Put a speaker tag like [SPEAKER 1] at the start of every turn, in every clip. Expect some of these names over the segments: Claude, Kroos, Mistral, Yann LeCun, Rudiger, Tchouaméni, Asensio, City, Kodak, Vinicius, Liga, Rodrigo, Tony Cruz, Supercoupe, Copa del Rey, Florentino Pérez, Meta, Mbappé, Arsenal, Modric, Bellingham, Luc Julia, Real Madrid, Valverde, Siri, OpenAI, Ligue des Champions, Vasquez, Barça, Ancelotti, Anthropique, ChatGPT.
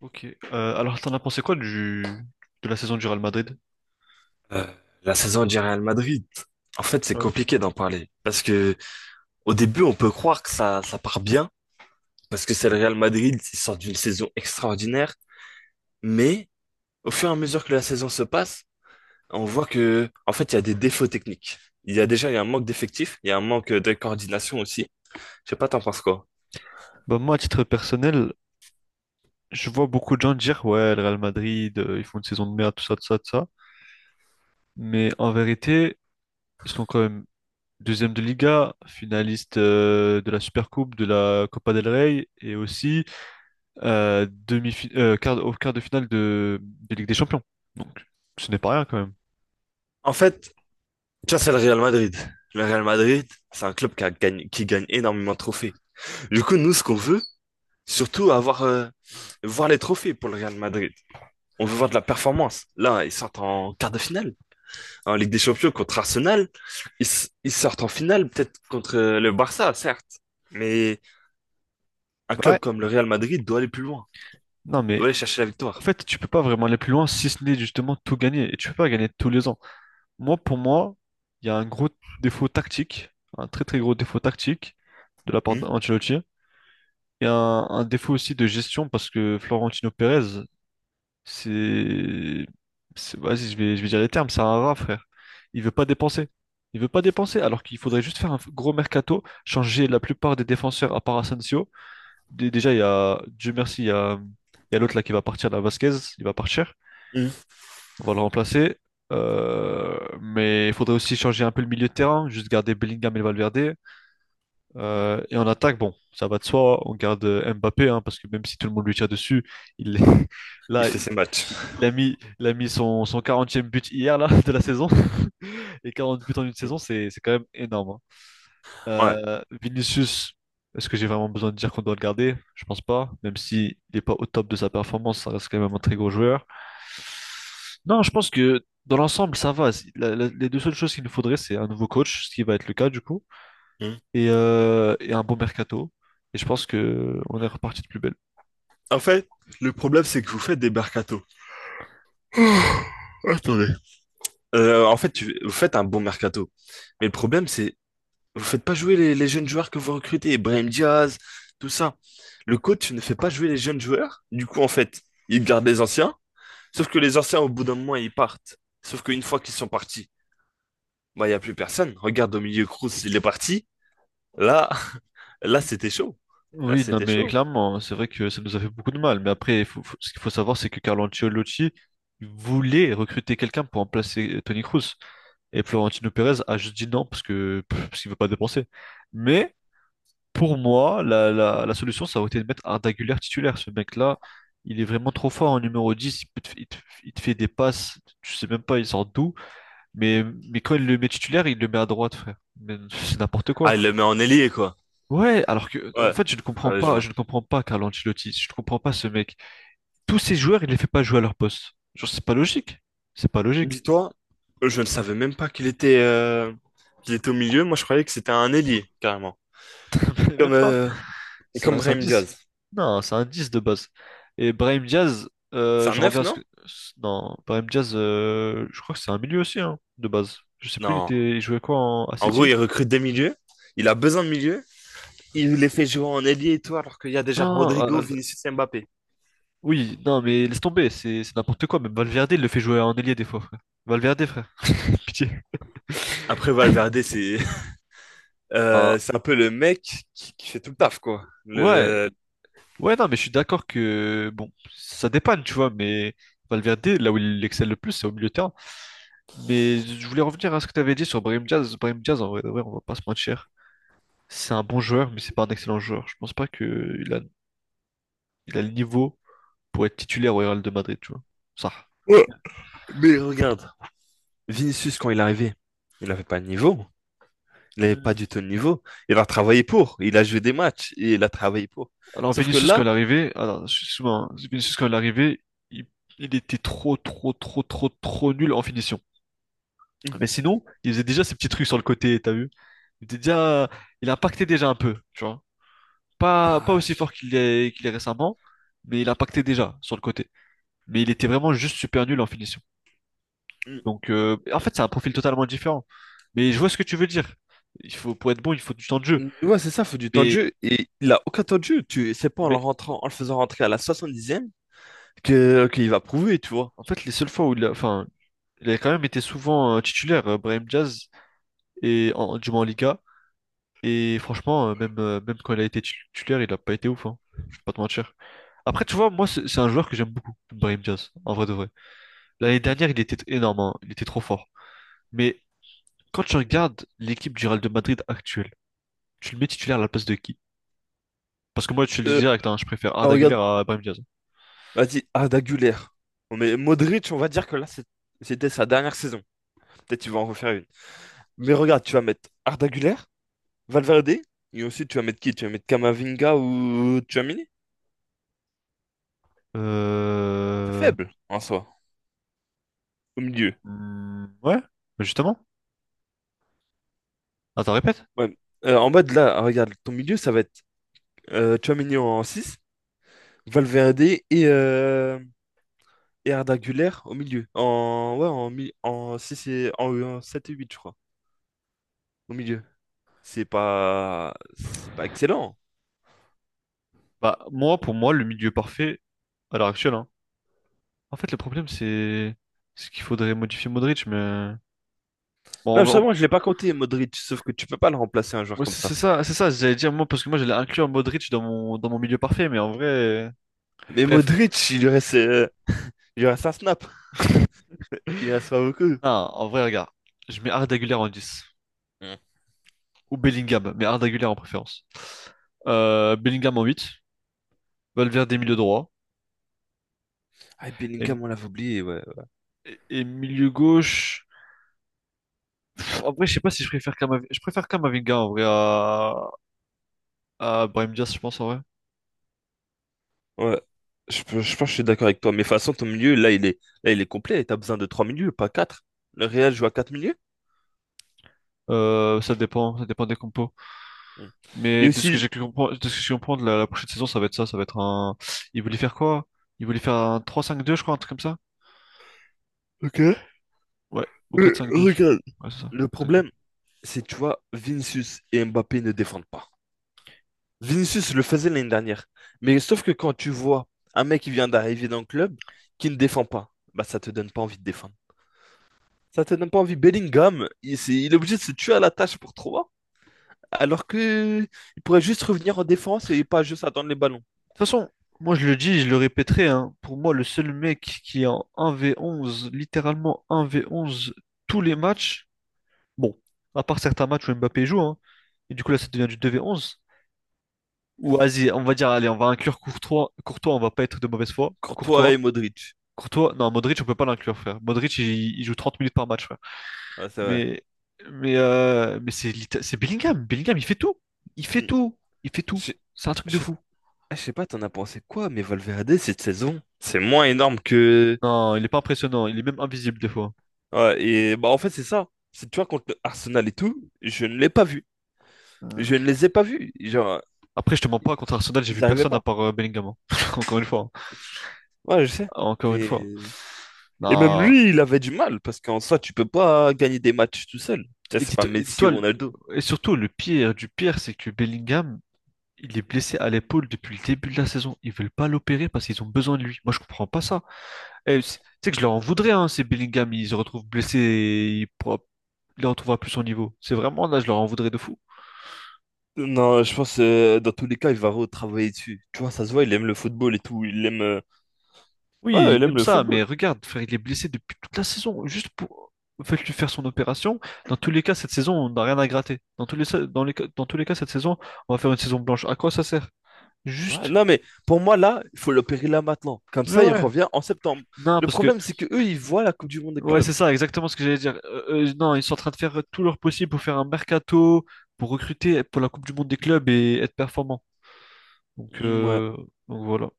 [SPEAKER 1] Ok. Alors, t'en as pensé quoi de la saison du Real Madrid?
[SPEAKER 2] Euh, la saison du Real Madrid, en fait, c'est
[SPEAKER 1] Ouais.
[SPEAKER 2] compliqué d'en parler parce que au début, on peut croire que ça part bien parce que c'est le Real Madrid, ils sortent d'une saison extraordinaire, mais au fur et à mesure que la saison se passe, on voit que, en fait, il y a des défauts techniques. Il y a déjà, il y a un manque d'effectifs, il y a un manque de coordination aussi. Je sais pas, t'en penses quoi?
[SPEAKER 1] Bah, moi, à titre personnel, je vois beaucoup de gens dire, ouais, le Real Madrid, ils font une saison de merde, tout ça, tout ça, tout ça. Mais en vérité, ils sont quand même deuxième de Liga, finaliste de la Supercoupe, de la Copa del Rey, et aussi euh, demi au quart de finale de Ligue des Champions. Donc, ce n'est pas rien quand même.
[SPEAKER 2] En fait, tu vois, c'est le Real Madrid. Le Real Madrid, c'est un club qui a gagné- qui gagne énormément de trophées. Du coup, nous, ce qu'on veut, surtout avoir, voir les trophées pour le Real Madrid. On veut voir de la performance. Là, ils sortent en quart de finale. En Ligue des Champions contre Arsenal, ils sortent en finale peut-être contre le Barça, certes. Mais un
[SPEAKER 1] Ouais.
[SPEAKER 2] club comme le Real Madrid doit aller plus loin.
[SPEAKER 1] Non,
[SPEAKER 2] Doit
[SPEAKER 1] mais
[SPEAKER 2] aller chercher la
[SPEAKER 1] en
[SPEAKER 2] victoire.
[SPEAKER 1] fait, tu peux pas vraiment aller plus loin si ce n'est justement tout gagner. Et tu peux pas gagner tous les ans. Moi, pour moi, il y a un gros défaut tactique, un très très gros défaut tactique de la part
[SPEAKER 2] Hmm.
[SPEAKER 1] d'Ancelotti et un défaut aussi de gestion parce que Florentino Pérez, c'est, vas-y, je vais dire les termes, c'est un rat, frère. Il veut pas dépenser. Il veut pas dépenser alors qu'il faudrait juste faire un gros mercato, changer la plupart des défenseurs à part Asensio. Déjà, il y a, Dieu merci, il y a l'autre là qui va partir, la Vasquez, il va partir.
[SPEAKER 2] Hmm.
[SPEAKER 1] On va le remplacer. Mais il faudrait aussi changer un peu le milieu de terrain, juste garder Bellingham et Valverde. Et en attaque, bon, ça va de soi, on garde Mbappé, hein, parce que même si tout le monde lui tire dessus, il
[SPEAKER 2] Il
[SPEAKER 1] là,
[SPEAKER 2] fait
[SPEAKER 1] il
[SPEAKER 2] ses matchs.
[SPEAKER 1] il a mis, il a mis son 40e but hier là, de la saison. Et 40 buts en une
[SPEAKER 2] Hmm.
[SPEAKER 1] saison, c'est quand même énorme, hein.
[SPEAKER 2] Ouais.
[SPEAKER 1] Vinicius, est-ce que j'ai vraiment besoin de dire qu'on doit le garder? Je pense pas. Même s'il n'est pas au top de sa performance, ça reste quand même un très gros joueur. Non, je pense que dans l'ensemble, ça va. Les deux seules choses qu'il nous faudrait, c'est un nouveau coach, ce qui va être le cas du coup,
[SPEAKER 2] Hmm.
[SPEAKER 1] et un bon mercato. Et je pense que on est reparti de plus belle.
[SPEAKER 2] En fait, le problème, c'est que vous faites des mercatos. Attendez. En fait, vous faites un bon mercato. Mais le problème, c'est. Vous faites pas jouer les jeunes joueurs que vous recrutez, Brahim Diaz, tout ça. Le coach ne fait pas jouer les jeunes joueurs. Du coup, en fait, il garde les anciens. Sauf que les anciens, au bout d'un moment, ils partent. Sauf qu'une fois qu'ils sont partis, bah, il n'y a plus personne. Regarde au milieu, Kroos, il est parti. Là, là, c'était chaud. Là,
[SPEAKER 1] Oui, non,
[SPEAKER 2] c'était
[SPEAKER 1] mais
[SPEAKER 2] chaud.
[SPEAKER 1] clairement, hein, c'est vrai que ça nous a fait beaucoup de mal. Mais après, ce qu'il faut savoir, c'est que Carlo Ancelotti voulait recruter quelqu'un pour remplacer Tony Cruz. Et Florentino Pérez a juste dit non parce qu'il veut pas dépenser. Mais pour moi, la solution, ça aurait été de mettre Arda Güler titulaire. Ce mec-là, il est vraiment trop fort en numéro 10. Il, peut te- il te il te fait des passes, tu sais même pas, il sort d'où. Mais, mais quand il le met titulaire, il le met à droite, frère. Mais c'est n'importe quoi.
[SPEAKER 2] Ah, il le met en ailier, quoi.
[SPEAKER 1] Ouais, alors que en
[SPEAKER 2] Ouais.
[SPEAKER 1] fait, je ne comprends
[SPEAKER 2] Ouais, je
[SPEAKER 1] pas,
[SPEAKER 2] vois.
[SPEAKER 1] je ne comprends pas Carlo Ancelotti, je ne comprends pas ce mec. Tous ces joueurs, il ne les fait pas jouer à leur poste. Genre, c'est pas logique. C'est pas logique.
[SPEAKER 2] Dis-toi, je ne savais même pas qu'il était, qu'il était au milieu. Moi, je croyais que c'était un ailier, carrément.
[SPEAKER 1] Mais
[SPEAKER 2] Comme,
[SPEAKER 1] Même pas.
[SPEAKER 2] euh,
[SPEAKER 1] C'est
[SPEAKER 2] comme
[SPEAKER 1] un, c'est un
[SPEAKER 2] Brahim
[SPEAKER 1] 10.
[SPEAKER 2] Diaz.
[SPEAKER 1] Non, c'est un 10 de base. Et Brahim Diaz,
[SPEAKER 2] C'est un
[SPEAKER 1] je
[SPEAKER 2] neuf,
[SPEAKER 1] reviens à ce
[SPEAKER 2] non?
[SPEAKER 1] que non, Brahim Diaz, je crois que c'est un milieu aussi hein, de base. Je sais plus,
[SPEAKER 2] Non.
[SPEAKER 1] il jouait quoi à
[SPEAKER 2] En gros,
[SPEAKER 1] City?
[SPEAKER 2] il recrute des milieux. Il a besoin de milieux. Il les fait jouer en ailier et tout, alors qu'il y a déjà Rodrigo,
[SPEAKER 1] Non,
[SPEAKER 2] Vinicius et Mbappé.
[SPEAKER 1] oui, non, mais laisse tomber, c'est n'importe quoi. Même Valverde, il le fait jouer en ailier des fois, frère. Valverde, frère, pitié.
[SPEAKER 2] Après, Valverde, c'est
[SPEAKER 1] Ah,
[SPEAKER 2] c'est un peu le mec qui fait tout le taf, quoi.
[SPEAKER 1] ouais,
[SPEAKER 2] Le.
[SPEAKER 1] Ouais, non, mais je suis d'accord que, bon, ça dépanne, tu vois, mais Valverde, là où il excelle le plus, c'est au milieu de terrain. Mais je voulais revenir à ce que tu avais dit sur Brahim Diaz. Brahim Diaz, en vrai, de vrai, on va pas se mentir. C'est un bon joueur, mais c'est pas un excellent joueur. Je pense pas qu'il a, il a le niveau pour être titulaire au Real de Madrid, tu vois. Ça.
[SPEAKER 2] Ouais. Mais regarde, Vinicius, quand il est arrivé, il n'avait pas de niveau. Il n'avait pas
[SPEAKER 1] Mm.
[SPEAKER 2] du tout de niveau. Il a travaillé pour. Il a joué des matchs et il a travaillé pour.
[SPEAKER 1] Alors,
[SPEAKER 2] Sauf que
[SPEAKER 1] Vinicius, quand
[SPEAKER 2] là,
[SPEAKER 1] il est arrivé, alors, excuse-moi, hein, Vinicius, quand il est arrivé, il, il était trop, trop, trop, trop, trop nul en finition.
[SPEAKER 2] hmm,
[SPEAKER 1] Mais sinon, il faisait déjà ses petits trucs sur le côté, t'as vu? Il était déjà, il impactait déjà un peu, tu vois. Pas, pas
[SPEAKER 2] ah,
[SPEAKER 1] aussi fort qu'il est récemment, mais il impactait déjà sur le côté. Mais il était vraiment juste super nul en finition.
[SPEAKER 2] mm,
[SPEAKER 1] Donc, en fait, c'est un profil totalement différent. Mais je vois ce que tu veux dire. Il faut, pour être bon, il faut du temps de jeu.
[SPEAKER 2] mm, ouais, c'est ça, il faut du temps de
[SPEAKER 1] Mais,
[SPEAKER 2] jeu. Et il a aucun temps de jeu. Tu. C'est pas en le
[SPEAKER 1] mais
[SPEAKER 2] rentrant, en le faisant rentrer à la 70e qu'il va prouver, tu vois.
[SPEAKER 1] en fait, les seules fois où enfin, il a quand même été souvent titulaire, Brahim Diaz, du moins en Liga. Et franchement, même quand il a été titulaire, il a pas été ouf, hein. Je vais pas te mentir. Après, tu vois, moi, c'est un joueur que j'aime beaucoup, Brahim Diaz, en vrai de vrai. L'année
[SPEAKER 2] Mm.
[SPEAKER 1] dernière, il était énorme, hein. Il était trop fort. Mais quand tu regardes l'équipe du Real de Madrid actuelle, tu le mets titulaire à la place de qui? Parce que moi, je te le dis
[SPEAKER 2] Euh,
[SPEAKER 1] direct, hein, je préfère
[SPEAKER 2] oh,
[SPEAKER 1] Arda Güler
[SPEAKER 2] regarde,
[SPEAKER 1] à Brahim Diaz.
[SPEAKER 2] vas-y, Arda Güler. On met Modric, on va dire que là, c'était sa dernière saison. Peut-être qu'il va en refaire une. Mais regarde, tu vas mettre Arda Güler, Valverde, et ensuite tu vas mettre qui? Tu vas mettre Kamavinga ou Tchouaméni? C'est
[SPEAKER 1] Euh...
[SPEAKER 2] faible, en soi, au milieu.
[SPEAKER 1] hmm, ouais, bah justement. Attends, répète.
[SPEAKER 2] Ouais. En bas de là, regarde, ton milieu, ça va être Tchouaméni en six, Valverde et, euh, et Arda Güler au milieu. En, ouais, en, en 6 et en 7 et 8 je crois, au milieu. C'est pas excellent.
[SPEAKER 1] Bah, moi, pour moi, le milieu parfait à l'heure actuelle, hein. En fait, le problème, c'est qu'il faudrait modifier Modric, mais... Bon,
[SPEAKER 2] Non,
[SPEAKER 1] on va- on-
[SPEAKER 2] justement, je l'ai pas compté Modric, sauf que tu peux pas le remplacer un joueur
[SPEAKER 1] ouais,
[SPEAKER 2] comme
[SPEAKER 1] c'est
[SPEAKER 2] ça.
[SPEAKER 1] ça, c'est ça, j'allais dire, moi, parce que moi, j'allais inclure Modric dans mon, milieu parfait, mais en vrai...
[SPEAKER 2] Mais
[SPEAKER 1] Bref,
[SPEAKER 2] Modric, il lui reste un snap, il reste pas beaucoup.
[SPEAKER 1] non, en vrai, regarde, je mets Arda Güler en dix,
[SPEAKER 2] Mm.
[SPEAKER 1] ou Bellingham, mais un d'Aguilar en préférence. Bellingham en 8, Valverde milieu
[SPEAKER 2] Mhm.
[SPEAKER 1] droit
[SPEAKER 2] Ah, et
[SPEAKER 1] et,
[SPEAKER 2] Bellingham, on l'avait oublié, ouais.
[SPEAKER 1] et milieu gauche. En vrai, je sais pas si je préfère Kamavinga. Je préfère Kamavinga en vrai à Brahim Diaz, je pense en vrai.
[SPEAKER 2] Ouais, je pense que je suis d'accord avec toi. Mais de toute façon, ton milieu, là, il est complet. Et t'as besoin de trois milieux, pas quatre. Le Real joue à quatre milieux.
[SPEAKER 1] Ça dépend des compos.
[SPEAKER 2] Mm.
[SPEAKER 1] Mais
[SPEAKER 2] Et
[SPEAKER 1] de ce que
[SPEAKER 2] aussi,
[SPEAKER 1] j'ai cru comprendre, de ce que j'ai cru comprendre, la prochaine saison, ça va être ça, ça va être un. Il voulait faire quoi? Il voulait faire un 3-5-2, je crois, un truc comme ça?
[SPEAKER 2] ok,
[SPEAKER 1] Ouais, ou quatre cinq deux.
[SPEAKER 2] regarde,
[SPEAKER 1] Ouais, c'est ça,
[SPEAKER 2] le problème, c'est, tu vois, Vinicius et Mbappé ne défendent pas. Vinicius le faisait l'année dernière. Mais sauf que quand tu vois un mec qui vient d'arriver dans le club, qui ne défend pas, bah ça te donne pas envie de défendre. Ça te donne pas envie. Bellingham, il est obligé de se tuer à la tâche pour 3, alors que il pourrait juste revenir en défense et pas juste attendre les ballons.
[SPEAKER 1] toute façon, moi je le dis, je le répéterai, hein, pour moi le seul mec qui est en 1v11, littéralement 1v11 tous les matchs, bon, à part certains matchs où Mbappé joue, hein, et du coup là ça devient du 2v11, ou vas-y, on va dire, allez, on va inclure Courtois, Courtois, on va pas être de mauvaise foi,
[SPEAKER 2] Courtois
[SPEAKER 1] Courtois,
[SPEAKER 2] et Modric.
[SPEAKER 1] Courtois, non, Modric on peut pas l'inclure, frère, Modric il joue 30 minutes par match, frère,
[SPEAKER 2] Ouais, c'est vrai.
[SPEAKER 1] mais, mais c'est Bellingham, Bellingham il fait tout, il fait
[SPEAKER 2] Mm.
[SPEAKER 1] tout, il fait tout,
[SPEAKER 2] Je
[SPEAKER 1] c'est un truc
[SPEAKER 2] je
[SPEAKER 1] de
[SPEAKER 2] sais
[SPEAKER 1] fou.
[SPEAKER 2] je sais pas, t'en as pensé quoi, mais Valverde, cette saison, c'est moins énorme que.
[SPEAKER 1] Non, il est pas impressionnant, il est même invisible des fois.
[SPEAKER 2] Ouais, et bah en fait, c'est ça. C'est, tu vois, contre Arsenal et tout, je ne l'ai pas vu. Je ne les ai pas vus. Genre,
[SPEAKER 1] Après, je te mens pas, contre Arsenal, j'ai
[SPEAKER 2] ils
[SPEAKER 1] vu
[SPEAKER 2] n'arrivaient
[SPEAKER 1] personne à
[SPEAKER 2] pas.
[SPEAKER 1] part Bellingham, hein. Encore une fois, hein.
[SPEAKER 2] Ouais, je sais.
[SPEAKER 1] Encore une
[SPEAKER 2] Mais.
[SPEAKER 1] fois.
[SPEAKER 2] Et même
[SPEAKER 1] Non.
[SPEAKER 2] lui, il avait du mal, parce qu'en soi, tu peux pas gagner des matchs tout seul. Tu sais,
[SPEAKER 1] Et
[SPEAKER 2] c'est pas
[SPEAKER 1] dis-toi, et
[SPEAKER 2] Messi
[SPEAKER 1] dis-toi,
[SPEAKER 2] ou Ronaldo.
[SPEAKER 1] et surtout, le pire du pire, c'est que Bellingham, il est blessé à l'épaule depuis le début de la saison. Ils veulent pas l'opérer parce qu'ils ont besoin de lui. Moi, je comprends pas ça. Tu sais que je leur en voudrais, hein, si Bellingham, il se retrouve blessé et il pourra... il ne retrouvera plus son niveau. C'est vraiment là, je leur en voudrais de fou.
[SPEAKER 2] Non, je pense dans tous les cas, il va retravailler dessus. Tu vois, ça se voit, il aime le football et tout. Il aime.
[SPEAKER 1] Oui,
[SPEAKER 2] Ouais, il
[SPEAKER 1] il
[SPEAKER 2] aime
[SPEAKER 1] aime
[SPEAKER 2] le
[SPEAKER 1] ça, mais
[SPEAKER 2] football.
[SPEAKER 1] regarde, frère, il est blessé depuis toute la saison. Juste pour faites-lui faire son opération. Dans tous les cas, cette saison, on n'a rien à gratter. Dans tous les, sa- dans les, ca- dans tous les cas, cette saison, on va faire une saison blanche. À quoi ça sert?
[SPEAKER 2] Ouais,
[SPEAKER 1] Juste.
[SPEAKER 2] non, mais pour moi, là, il faut l'opérer là maintenant. Comme
[SPEAKER 1] Mais
[SPEAKER 2] ça, il
[SPEAKER 1] ouais.
[SPEAKER 2] revient en septembre.
[SPEAKER 1] Non,
[SPEAKER 2] Le
[SPEAKER 1] parce que
[SPEAKER 2] problème, c'est que eux, ils voient la Coupe du Monde des
[SPEAKER 1] ouais,
[SPEAKER 2] clubs.
[SPEAKER 1] c'est ça, exactement ce que j'allais dire. Non, ils sont en train de faire tout leur possible pour faire un mercato, pour recruter pour la Coupe du Monde des clubs et être performant. Donc,
[SPEAKER 2] Ouais,
[SPEAKER 1] euh, donc, voilà.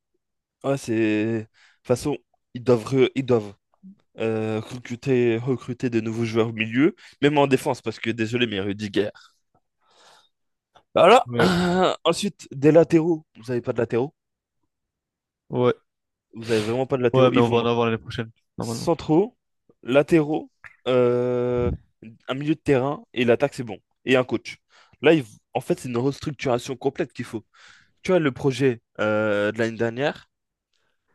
[SPEAKER 2] ouais, c'est. De toute façon, ils doivent recruter de nouveaux joueurs au milieu, même en défense, parce que désolé, mais Rudiger. Bah, voilà.
[SPEAKER 1] Ouais,
[SPEAKER 2] Ensuite, des latéraux. Vous n'avez pas de latéraux.
[SPEAKER 1] ouais,
[SPEAKER 2] Vous n'avez vraiment pas de
[SPEAKER 1] ouais,
[SPEAKER 2] latéraux.
[SPEAKER 1] mais
[SPEAKER 2] Il
[SPEAKER 1] on
[SPEAKER 2] vous
[SPEAKER 1] va en
[SPEAKER 2] manque
[SPEAKER 1] avoir l'année prochaine, normalement.
[SPEAKER 2] centraux, latéraux, euh, un milieu de terrain et l'attaque, c'est bon. Et un coach. Là, en fait, c'est une restructuration complète qu'il faut. Tu vois, le projet de l'année dernière,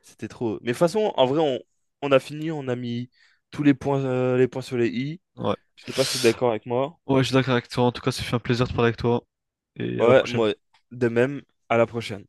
[SPEAKER 2] c'était trop. Mais de toute façon, en vrai, on a fini, on a mis tous les points sur les i.
[SPEAKER 1] Ouais.
[SPEAKER 2] Je sais pas si t'es d'accord avec moi.
[SPEAKER 1] Ouais, je suis d'accord avec toi. En tout cas, ça fait un plaisir de parler avec toi. Et à la
[SPEAKER 2] Ouais,
[SPEAKER 1] prochaine.
[SPEAKER 2] moi, de même, à la prochaine.